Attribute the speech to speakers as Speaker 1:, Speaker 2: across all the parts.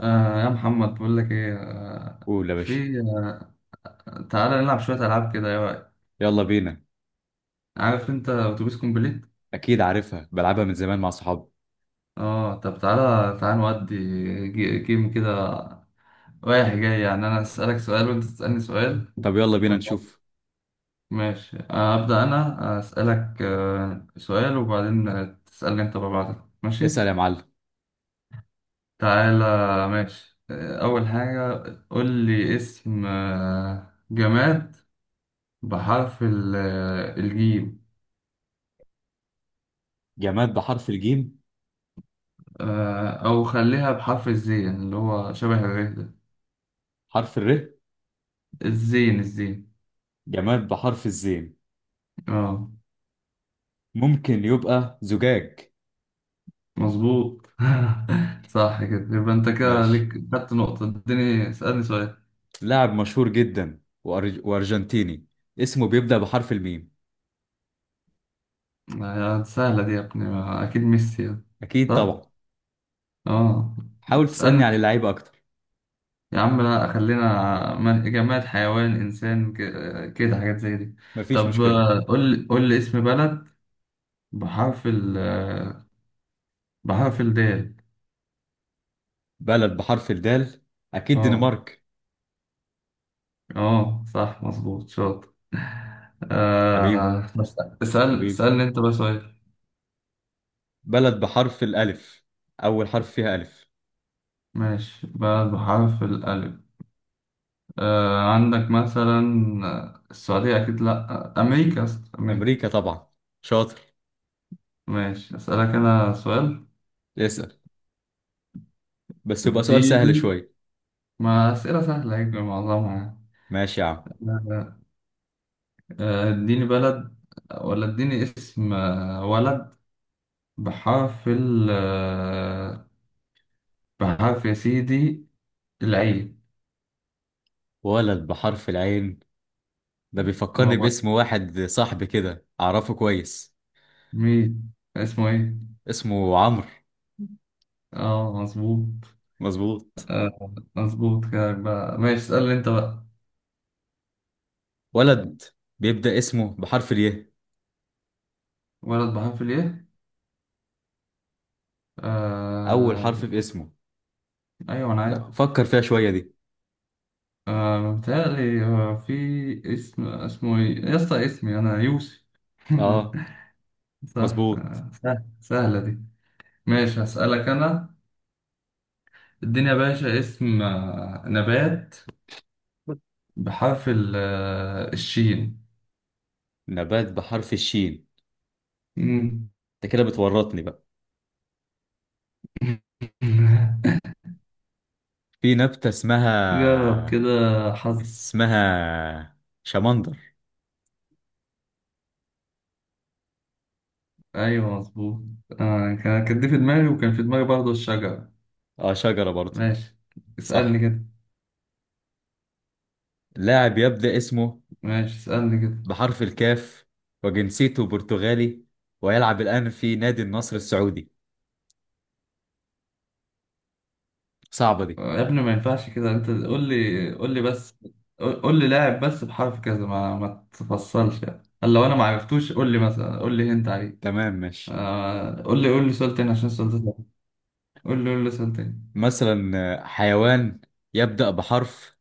Speaker 1: يا محمد، بقول لك ايه،
Speaker 2: قول يا باشا.
Speaker 1: في تعالى نلعب شوية ألعاب كده يا وقت.
Speaker 2: يلا بينا.
Speaker 1: عارف انت اتوبيس كومبليت؟
Speaker 2: اكيد عارفها، بلعبها من زمان مع صحابي.
Speaker 1: اه، طب تعالى تعالى نودي جيم كده. رايح جاي، يعني انا اسألك سؤال وانت تسألني سؤال
Speaker 2: طب يلا بينا
Speaker 1: ونقعد.
Speaker 2: نشوف.
Speaker 1: ماشي. أبدأ انا اسألك سؤال وبعدين، تسألني انت ببعضك. ماشي؟
Speaker 2: اسأل يا معلم.
Speaker 1: تعالى. ماشي، اول حاجة، قول لي اسم، جماد بحرف الجيم.
Speaker 2: جماد بحرف الجيم.
Speaker 1: أو خليها بحرف الزين، يعني اللي هو شبه الره ده.
Speaker 2: حرف الر.
Speaker 1: الزين، الزين.
Speaker 2: جماد بحرف الزين.
Speaker 1: اه،
Speaker 2: ممكن يبقى زجاج.
Speaker 1: مظبوط. صح كده، يبقى أنت كده
Speaker 2: ماشي.
Speaker 1: ليك خدت نقطة. اديني، اسألني سؤال.
Speaker 2: لاعب مشهور جدا وارجنتيني، اسمه بيبدأ بحرف الميم.
Speaker 1: سهلة دي يا ابني، ما أكيد ميسي يعني.
Speaker 2: اكيد
Speaker 1: صح؟
Speaker 2: طبعا.
Speaker 1: اه.
Speaker 2: حاول تسألني على
Speaker 1: اسألني.
Speaker 2: اللعيبة اكتر.
Speaker 1: يا عم، لا، خلينا جماد حيوان إنسان كده حاجات زي دي.
Speaker 2: مفيش
Speaker 1: طب
Speaker 2: مشكلة.
Speaker 1: آه، قول لي قول لي اسم بلد بحرف ال آه، بحرف الدال.
Speaker 2: بلد بحرف الدال، اكيد
Speaker 1: اه،
Speaker 2: دنمارك.
Speaker 1: اه صح، مظبوط، شاطر.
Speaker 2: حبيبي،
Speaker 1: بس لا.
Speaker 2: حبيبي،
Speaker 1: اسألني انت بقى سؤال.
Speaker 2: بلد بحرف الالف، اول حرف فيها الف.
Speaker 1: ماشي، بلد بحرف الألف. عندك مثلا، السعودية أكيد لأ، أمريكا، أصلا أمريكا.
Speaker 2: امريكا طبعا، شاطر.
Speaker 1: ماشي أسألك أنا سؤال.
Speaker 2: اسأل، بس يبقى سؤال سهل
Speaker 1: اديني.
Speaker 2: شوية.
Speaker 1: ما أسئلة سهلة هيك معظمها
Speaker 2: ماشي يا عم.
Speaker 1: يعني. اديني بلد، ولا اديني اسم، ولد بحرف ال آه، بحرف يا سيدي العين.
Speaker 2: ولد بحرف العين، ده بيفكرني
Speaker 1: هو،
Speaker 2: باسم واحد صاحبي كده أعرفه كويس.
Speaker 1: مين اسمه ايه؟
Speaker 2: اسمه عمرو.
Speaker 1: اه، مظبوط.
Speaker 2: مظبوط.
Speaker 1: مظبوط كلامك بقى. ماشي اسألني انت بقى.
Speaker 2: ولد بيبدأ اسمه بحرف الياء،
Speaker 1: ولد بحرف الايه؟
Speaker 2: أول
Speaker 1: آه
Speaker 2: حرف في اسمه.
Speaker 1: ايوه انا عارف.
Speaker 2: لا فكر فيها شوية دي.
Speaker 1: متهيألي في اسم، اسمه ايه يا اسطى، اسمي انا يوسف.
Speaker 2: آه،
Speaker 1: صح،
Speaker 2: مظبوط.
Speaker 1: سهلة دي. ماشي هسألك انا. اديني يا باشا اسم، نبات بحرف الشين.
Speaker 2: نبات بحرف الشين؟
Speaker 1: مم.
Speaker 2: أنت كده بتورطني بقى. في نبتة
Speaker 1: جرب
Speaker 2: اسمها،
Speaker 1: كده.
Speaker 2: اسمها شمندر.
Speaker 1: ايوه، مظبوط. كان دي في دماغي، وكان في دماغي برضه الشجرة.
Speaker 2: آه، شجرة برضه.
Speaker 1: ماشي، اسألني
Speaker 2: صح.
Speaker 1: كده.
Speaker 2: لاعب يبدأ اسمه
Speaker 1: ماشي، اسألني كده.
Speaker 2: بحرف الكاف، وجنسيته برتغالي، ويلعب الآن في نادي النصر السعودي. صعبة دي.
Speaker 1: يا ابني، ما ينفعش كده. انت قول لي قول لي بس. قول قول لي لاعب بس بحرف كذا، ما تفصلش، يعني قال لو انا ما عرفتوش قول لي مثلا، قول لي هنت عليه.
Speaker 2: تمام، ماشي.
Speaker 1: قول لي قول لي سؤال تاني، عشان السؤال ده صعب. قول لي قول لي سؤال تاني.
Speaker 2: مثلا حيوان يبدأ بحرف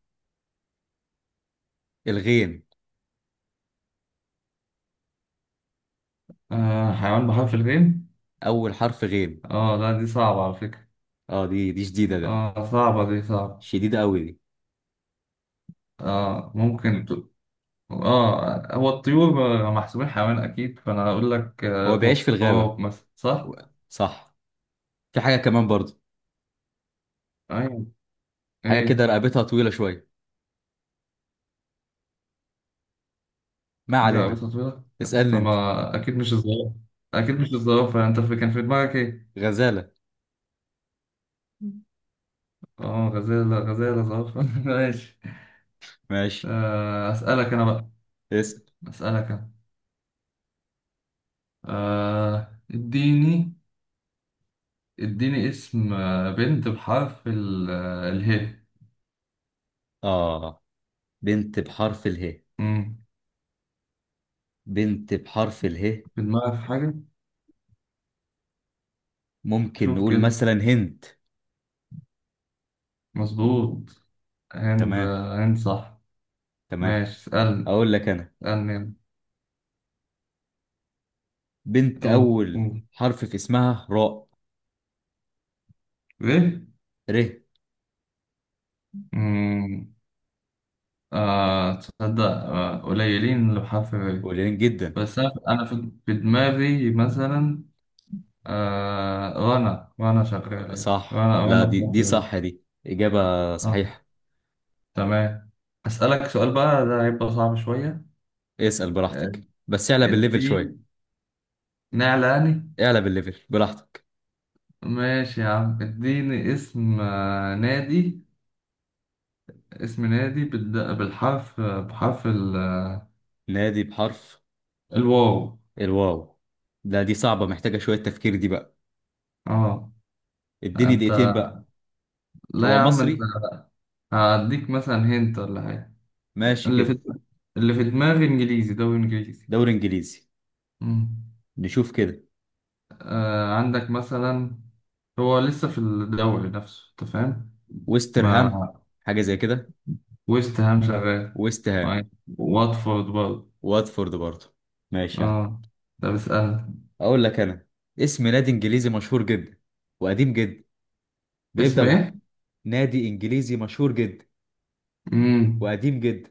Speaker 2: الغين،
Speaker 1: حيوان بحرف الغين.
Speaker 2: أول حرف غين.
Speaker 1: اه، لا، دي صعبة على فكرة.
Speaker 2: اه، دي شديدة ده،
Speaker 1: اه، صعبة دي صعبة.
Speaker 2: شديدة قوي دي.
Speaker 1: اه، ممكن. اه، هو الطيور محسوبين حيوان اكيد، فانا هقول لك
Speaker 2: هو بيعيش
Speaker 1: آه،
Speaker 2: في الغابة
Speaker 1: غراب مثلا،
Speaker 2: و-
Speaker 1: صح؟
Speaker 2: صح. في حاجة كمان برضه،
Speaker 1: ايوه.
Speaker 2: حاجة كده
Speaker 1: ايه؟
Speaker 2: رقبتها طويلة شوية. ما
Speaker 1: حاجه
Speaker 2: علينا،
Speaker 1: رقبتها طويله؟ لا، بس
Speaker 2: اسألني
Speaker 1: طب
Speaker 2: انت.
Speaker 1: ما اكيد مش الزرافه. اكيد مش الزرافه. انت كان في دماغك ايه؟
Speaker 2: غزالة.
Speaker 1: اه، غزاله، غزاله، زرافه. ماشي.
Speaker 2: ماشي.
Speaker 1: اسالك انا بقى.
Speaker 2: اسأل.
Speaker 1: اسالك انا. اديني، اديني اسم، بنت بحرف ال آه، اله.
Speaker 2: اه، بنت بحرف اله،
Speaker 1: مم.
Speaker 2: بنت بحرف اله.
Speaker 1: في دماغك حاجه؟
Speaker 2: ممكن
Speaker 1: شوف
Speaker 2: نقول
Speaker 1: كده.
Speaker 2: مثلا هند.
Speaker 1: مظبوط. هند،
Speaker 2: تمام،
Speaker 1: هند صح.
Speaker 2: تمام.
Speaker 1: ماشي اسألني.
Speaker 2: اقول لك انا،
Speaker 1: اسألني يلا.
Speaker 2: بنت
Speaker 1: أوه،
Speaker 2: اول
Speaker 1: أوه.
Speaker 2: حرف في اسمها راء،
Speaker 1: إيه؟
Speaker 2: ر.
Speaker 1: أمم، آه تصدق، قليلين لو حرف إيه.
Speaker 2: قليلين جدا.
Speaker 1: بس أنا في دماغي مثلا، رنا، رنا شغال يعني،
Speaker 2: صح،
Speaker 1: رنا
Speaker 2: لا
Speaker 1: رنا
Speaker 2: دي
Speaker 1: بحرف
Speaker 2: دي صح،
Speaker 1: إيه.
Speaker 2: دي اجابه
Speaker 1: آه
Speaker 2: صحيحه.
Speaker 1: تمام. أسألك سؤال بقى، ده هيبقى صعب شوية.
Speaker 2: اسال
Speaker 1: آه،
Speaker 2: براحتك بس اعلى بالليفل
Speaker 1: اديني
Speaker 2: شويه.
Speaker 1: نعلاني.
Speaker 2: اعلى بالليفل براحتك.
Speaker 1: ماشي يا عم، اديني اسم، نادي. اسم نادي بالحرف، بحرف
Speaker 2: نادي بحرف
Speaker 1: الواو.
Speaker 2: الواو. لا دي صعبه، محتاجه شويه تفكير دي بقى.
Speaker 1: اه.
Speaker 2: اديني
Speaker 1: انت؟
Speaker 2: دقيقتين بقى.
Speaker 1: لا يا
Speaker 2: هو
Speaker 1: عم، انت.
Speaker 2: مصري.
Speaker 1: هديك مثلا هنت ولا حاجة.
Speaker 2: ماشي
Speaker 1: اللي في
Speaker 2: كده.
Speaker 1: اللي في دماغي انجليزي، دوري انجليزي.
Speaker 2: دوري انجليزي.
Speaker 1: مم.
Speaker 2: نشوف كده.
Speaker 1: عندك مثلا، هو لسه في الدوري نفسه، انت فاهم؟
Speaker 2: ويسترهام،
Speaker 1: مع.
Speaker 2: حاجه زي كده.
Speaker 1: ويست هام شغال.
Speaker 2: ويست هام،
Speaker 1: وع- واتفورد برضه.
Speaker 2: واتفورد برضه. ماشي يا عم.
Speaker 1: اه، ده بيسأل.
Speaker 2: اقول لك انا اسم نادي انجليزي مشهور جدا، وقديم جدا، بيبدا
Speaker 1: اسم
Speaker 2: بح...
Speaker 1: ايه؟
Speaker 2: نادي انجليزي مشهور جدا
Speaker 1: مم.
Speaker 2: وقديم جدا،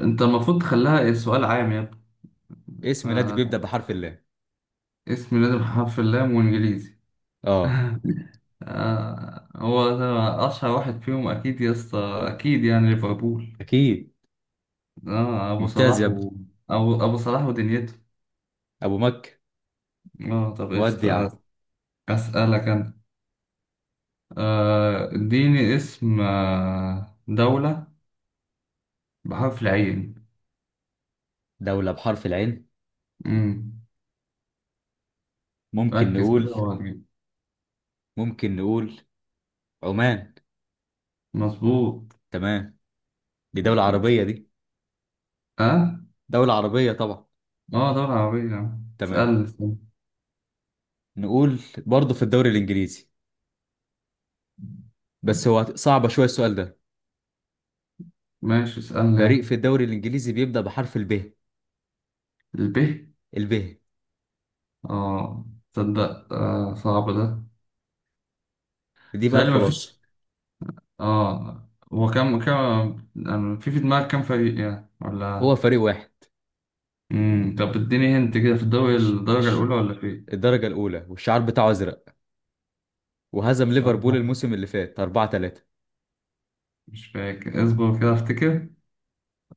Speaker 1: انت المفروض تخليها سؤال عام يا ابني.
Speaker 2: اسم نادي بيبدا بحرف اللام.
Speaker 1: فاسم لازم حرف اللام وانجليزي.
Speaker 2: اه،
Speaker 1: هو ده أشهر واحد فيهم أكيد يا اسطى، أكيد يعني ليفربول.
Speaker 2: اكيد.
Speaker 1: أبو
Speaker 2: ممتاز يا
Speaker 1: صلاح،
Speaker 2: ابني.
Speaker 1: و أبو صلاح ودنيته.
Speaker 2: ابو مكة.
Speaker 1: طب إيش
Speaker 2: ودي يا عم.
Speaker 1: أسألك أنا. اديني اسم دولة بحرف العين.
Speaker 2: دولة بحرف العين.
Speaker 1: مم.
Speaker 2: ممكن
Speaker 1: ركز كده
Speaker 2: نقول،
Speaker 1: وهتجيب.
Speaker 2: ممكن نقول عمان.
Speaker 1: مظبوط.
Speaker 2: تمام. دي دولة عربية دي،
Speaker 1: أه.
Speaker 2: دولة عربية طبعا.
Speaker 1: أه، دولة عربية يعني.
Speaker 2: تمام.
Speaker 1: اسألني، اسألني.
Speaker 2: نقول برضه في الدوري الانجليزي، بس هو صعب شوية السؤال ده.
Speaker 1: ماشي اسألني
Speaker 2: فريق
Speaker 1: يلا.
Speaker 2: في الدوري الانجليزي بيبدا بحرف الب.
Speaker 1: الب.
Speaker 2: الب.
Speaker 1: أه، تصدق، صعب ده.
Speaker 2: دي بقى
Speaker 1: تخيل، مفيش.
Speaker 2: الخلاصة.
Speaker 1: اه، هو كم، كم، يعني في دماغك كم فريق يعني،
Speaker 2: هو
Speaker 1: ولا.
Speaker 2: فريق واحد.
Speaker 1: طب اديني هنت كده، في الدوري
Speaker 2: الش...
Speaker 1: الدرجة
Speaker 2: الش...
Speaker 1: الأولى ولا في إيه؟
Speaker 2: الدرجة الأولى والشعار بتاعه أزرق، وهزم
Speaker 1: مش عارف.
Speaker 2: ليفربول الموسم اللي فات 4-3.
Speaker 1: مش فاكر، اصبر كده افتكر.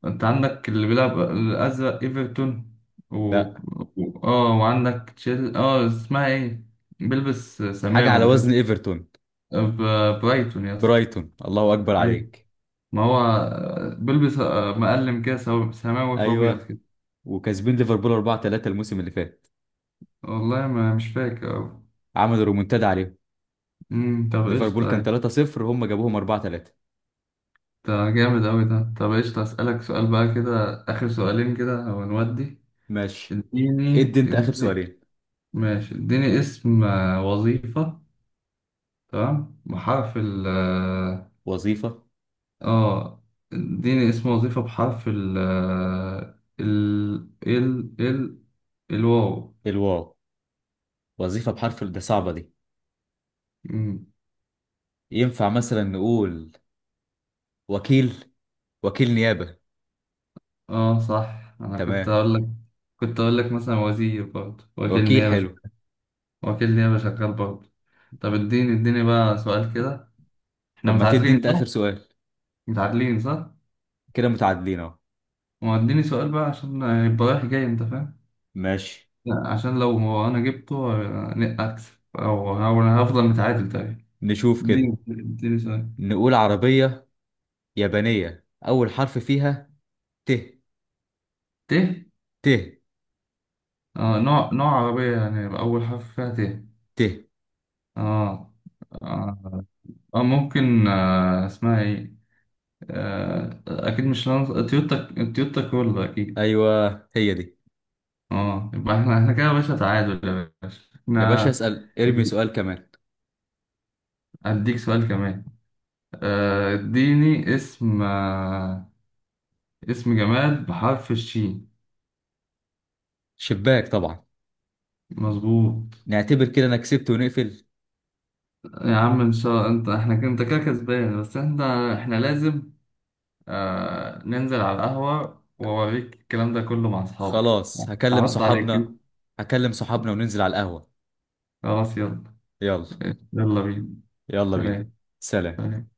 Speaker 1: انت عندك اللي بيلعب الأزرق ايفرتون، و...
Speaker 2: لا.
Speaker 1: و، اه وعندك تشيل، اه، اسمها ايه، بيلبس
Speaker 2: حاجة
Speaker 1: سماوي
Speaker 2: على
Speaker 1: مش عارف.
Speaker 2: وزن إيفرتون.
Speaker 1: برايتون يا اسطى.
Speaker 2: برايتون، الله أكبر
Speaker 1: ايوه.
Speaker 2: عليك.
Speaker 1: ما هو، بيلبس، مقلم كده سماوي في ابيض
Speaker 2: أيوه،
Speaker 1: كده.
Speaker 2: وكاسبين ليفربول 4-3 الموسم اللي فات.
Speaker 1: والله ما مش فاكر أوي.
Speaker 2: عملوا رومونتادا عليهم.
Speaker 1: طب
Speaker 2: ليفربول كان
Speaker 1: قشطة.
Speaker 2: 3-0، هم جابوهم 4-3.
Speaker 1: ده جامد أوي ده. طب قشطة، أسألك سؤال بقى كده، آخر سؤالين كده ونودي.
Speaker 2: ماشي.
Speaker 1: اديني
Speaker 2: ادي أنت آخر
Speaker 1: اديني.
Speaker 2: سؤالين.
Speaker 1: ماشي اديني اسم، وظيفة. تمام. بحرف ال اه
Speaker 2: وظيفة.
Speaker 1: آه، اديني اسم وظيفة بحرف ال آه، ال ال ال الواو.
Speaker 2: الواو. وظيفة بحرف ال- ده صعبة دي.
Speaker 1: مم.
Speaker 2: ينفع مثلا نقول وكيل، وكيل نيابة.
Speaker 1: اه صح، أنا كنت
Speaker 2: تمام.
Speaker 1: أقول لك. كنت أقول لك مثلا وزير برضه، وكيل
Speaker 2: وكيل
Speaker 1: نيابة.
Speaker 2: حلو.
Speaker 1: وكيل نيابة شغال برضه. طب اديني اديني بقى سؤال كده.
Speaker 2: طب
Speaker 1: احنا
Speaker 2: ما تدي
Speaker 1: متعادلين
Speaker 2: أنت آخر
Speaker 1: صح؟
Speaker 2: سؤال.
Speaker 1: متعادلين صح؟
Speaker 2: كده متعادلين اهو.
Speaker 1: ما اديني سؤال بقى عشان يبقى رايح جاي، انت فاهم؟
Speaker 2: ماشي.
Speaker 1: لا عشان لو ما انا جبته، اكسب، أو انا هفضل متعادل تقريبا.
Speaker 2: نشوف كده.
Speaker 1: اديني، اديني سؤال.
Speaker 2: نقول عربية يابانية أول حرف فيها ت.
Speaker 1: ت.
Speaker 2: ت.
Speaker 1: نوع عربية يعني، يبقى أول حرف فيها ت.
Speaker 2: ت.
Speaker 1: آه آه, ممكن، اسمها إيه؟ أكيد مش تويوتا. تويوتا كرولا أكيد.
Speaker 2: أيوة، هي دي.
Speaker 1: يبقى إحنا كده يا باشا، تعادل يا باشا
Speaker 2: يا باشا
Speaker 1: إحنا.
Speaker 2: اسأل، ارمي سؤال كمان.
Speaker 1: أديك سؤال كمان. اديني اسم جماد بحرف الشين.
Speaker 2: شباك طبعا.
Speaker 1: مظبوط.
Speaker 2: نعتبر كده أنا كسبت ونقفل.
Speaker 1: يا عم ان شاء الله انت، انت كده كسبان، بس احنا، احنا لازم ننزل على القهوة واوريك الكلام ده كله مع اصحابي.
Speaker 2: خلاص هكلم
Speaker 1: احط عليك انت.
Speaker 2: صحابنا. هكلم صحابنا وننزل على القهوة.
Speaker 1: خلاص يلا.
Speaker 2: يلا.
Speaker 1: يلا بينا.
Speaker 2: يلا بينا.
Speaker 1: سلام.
Speaker 2: سلام.
Speaker 1: سلام.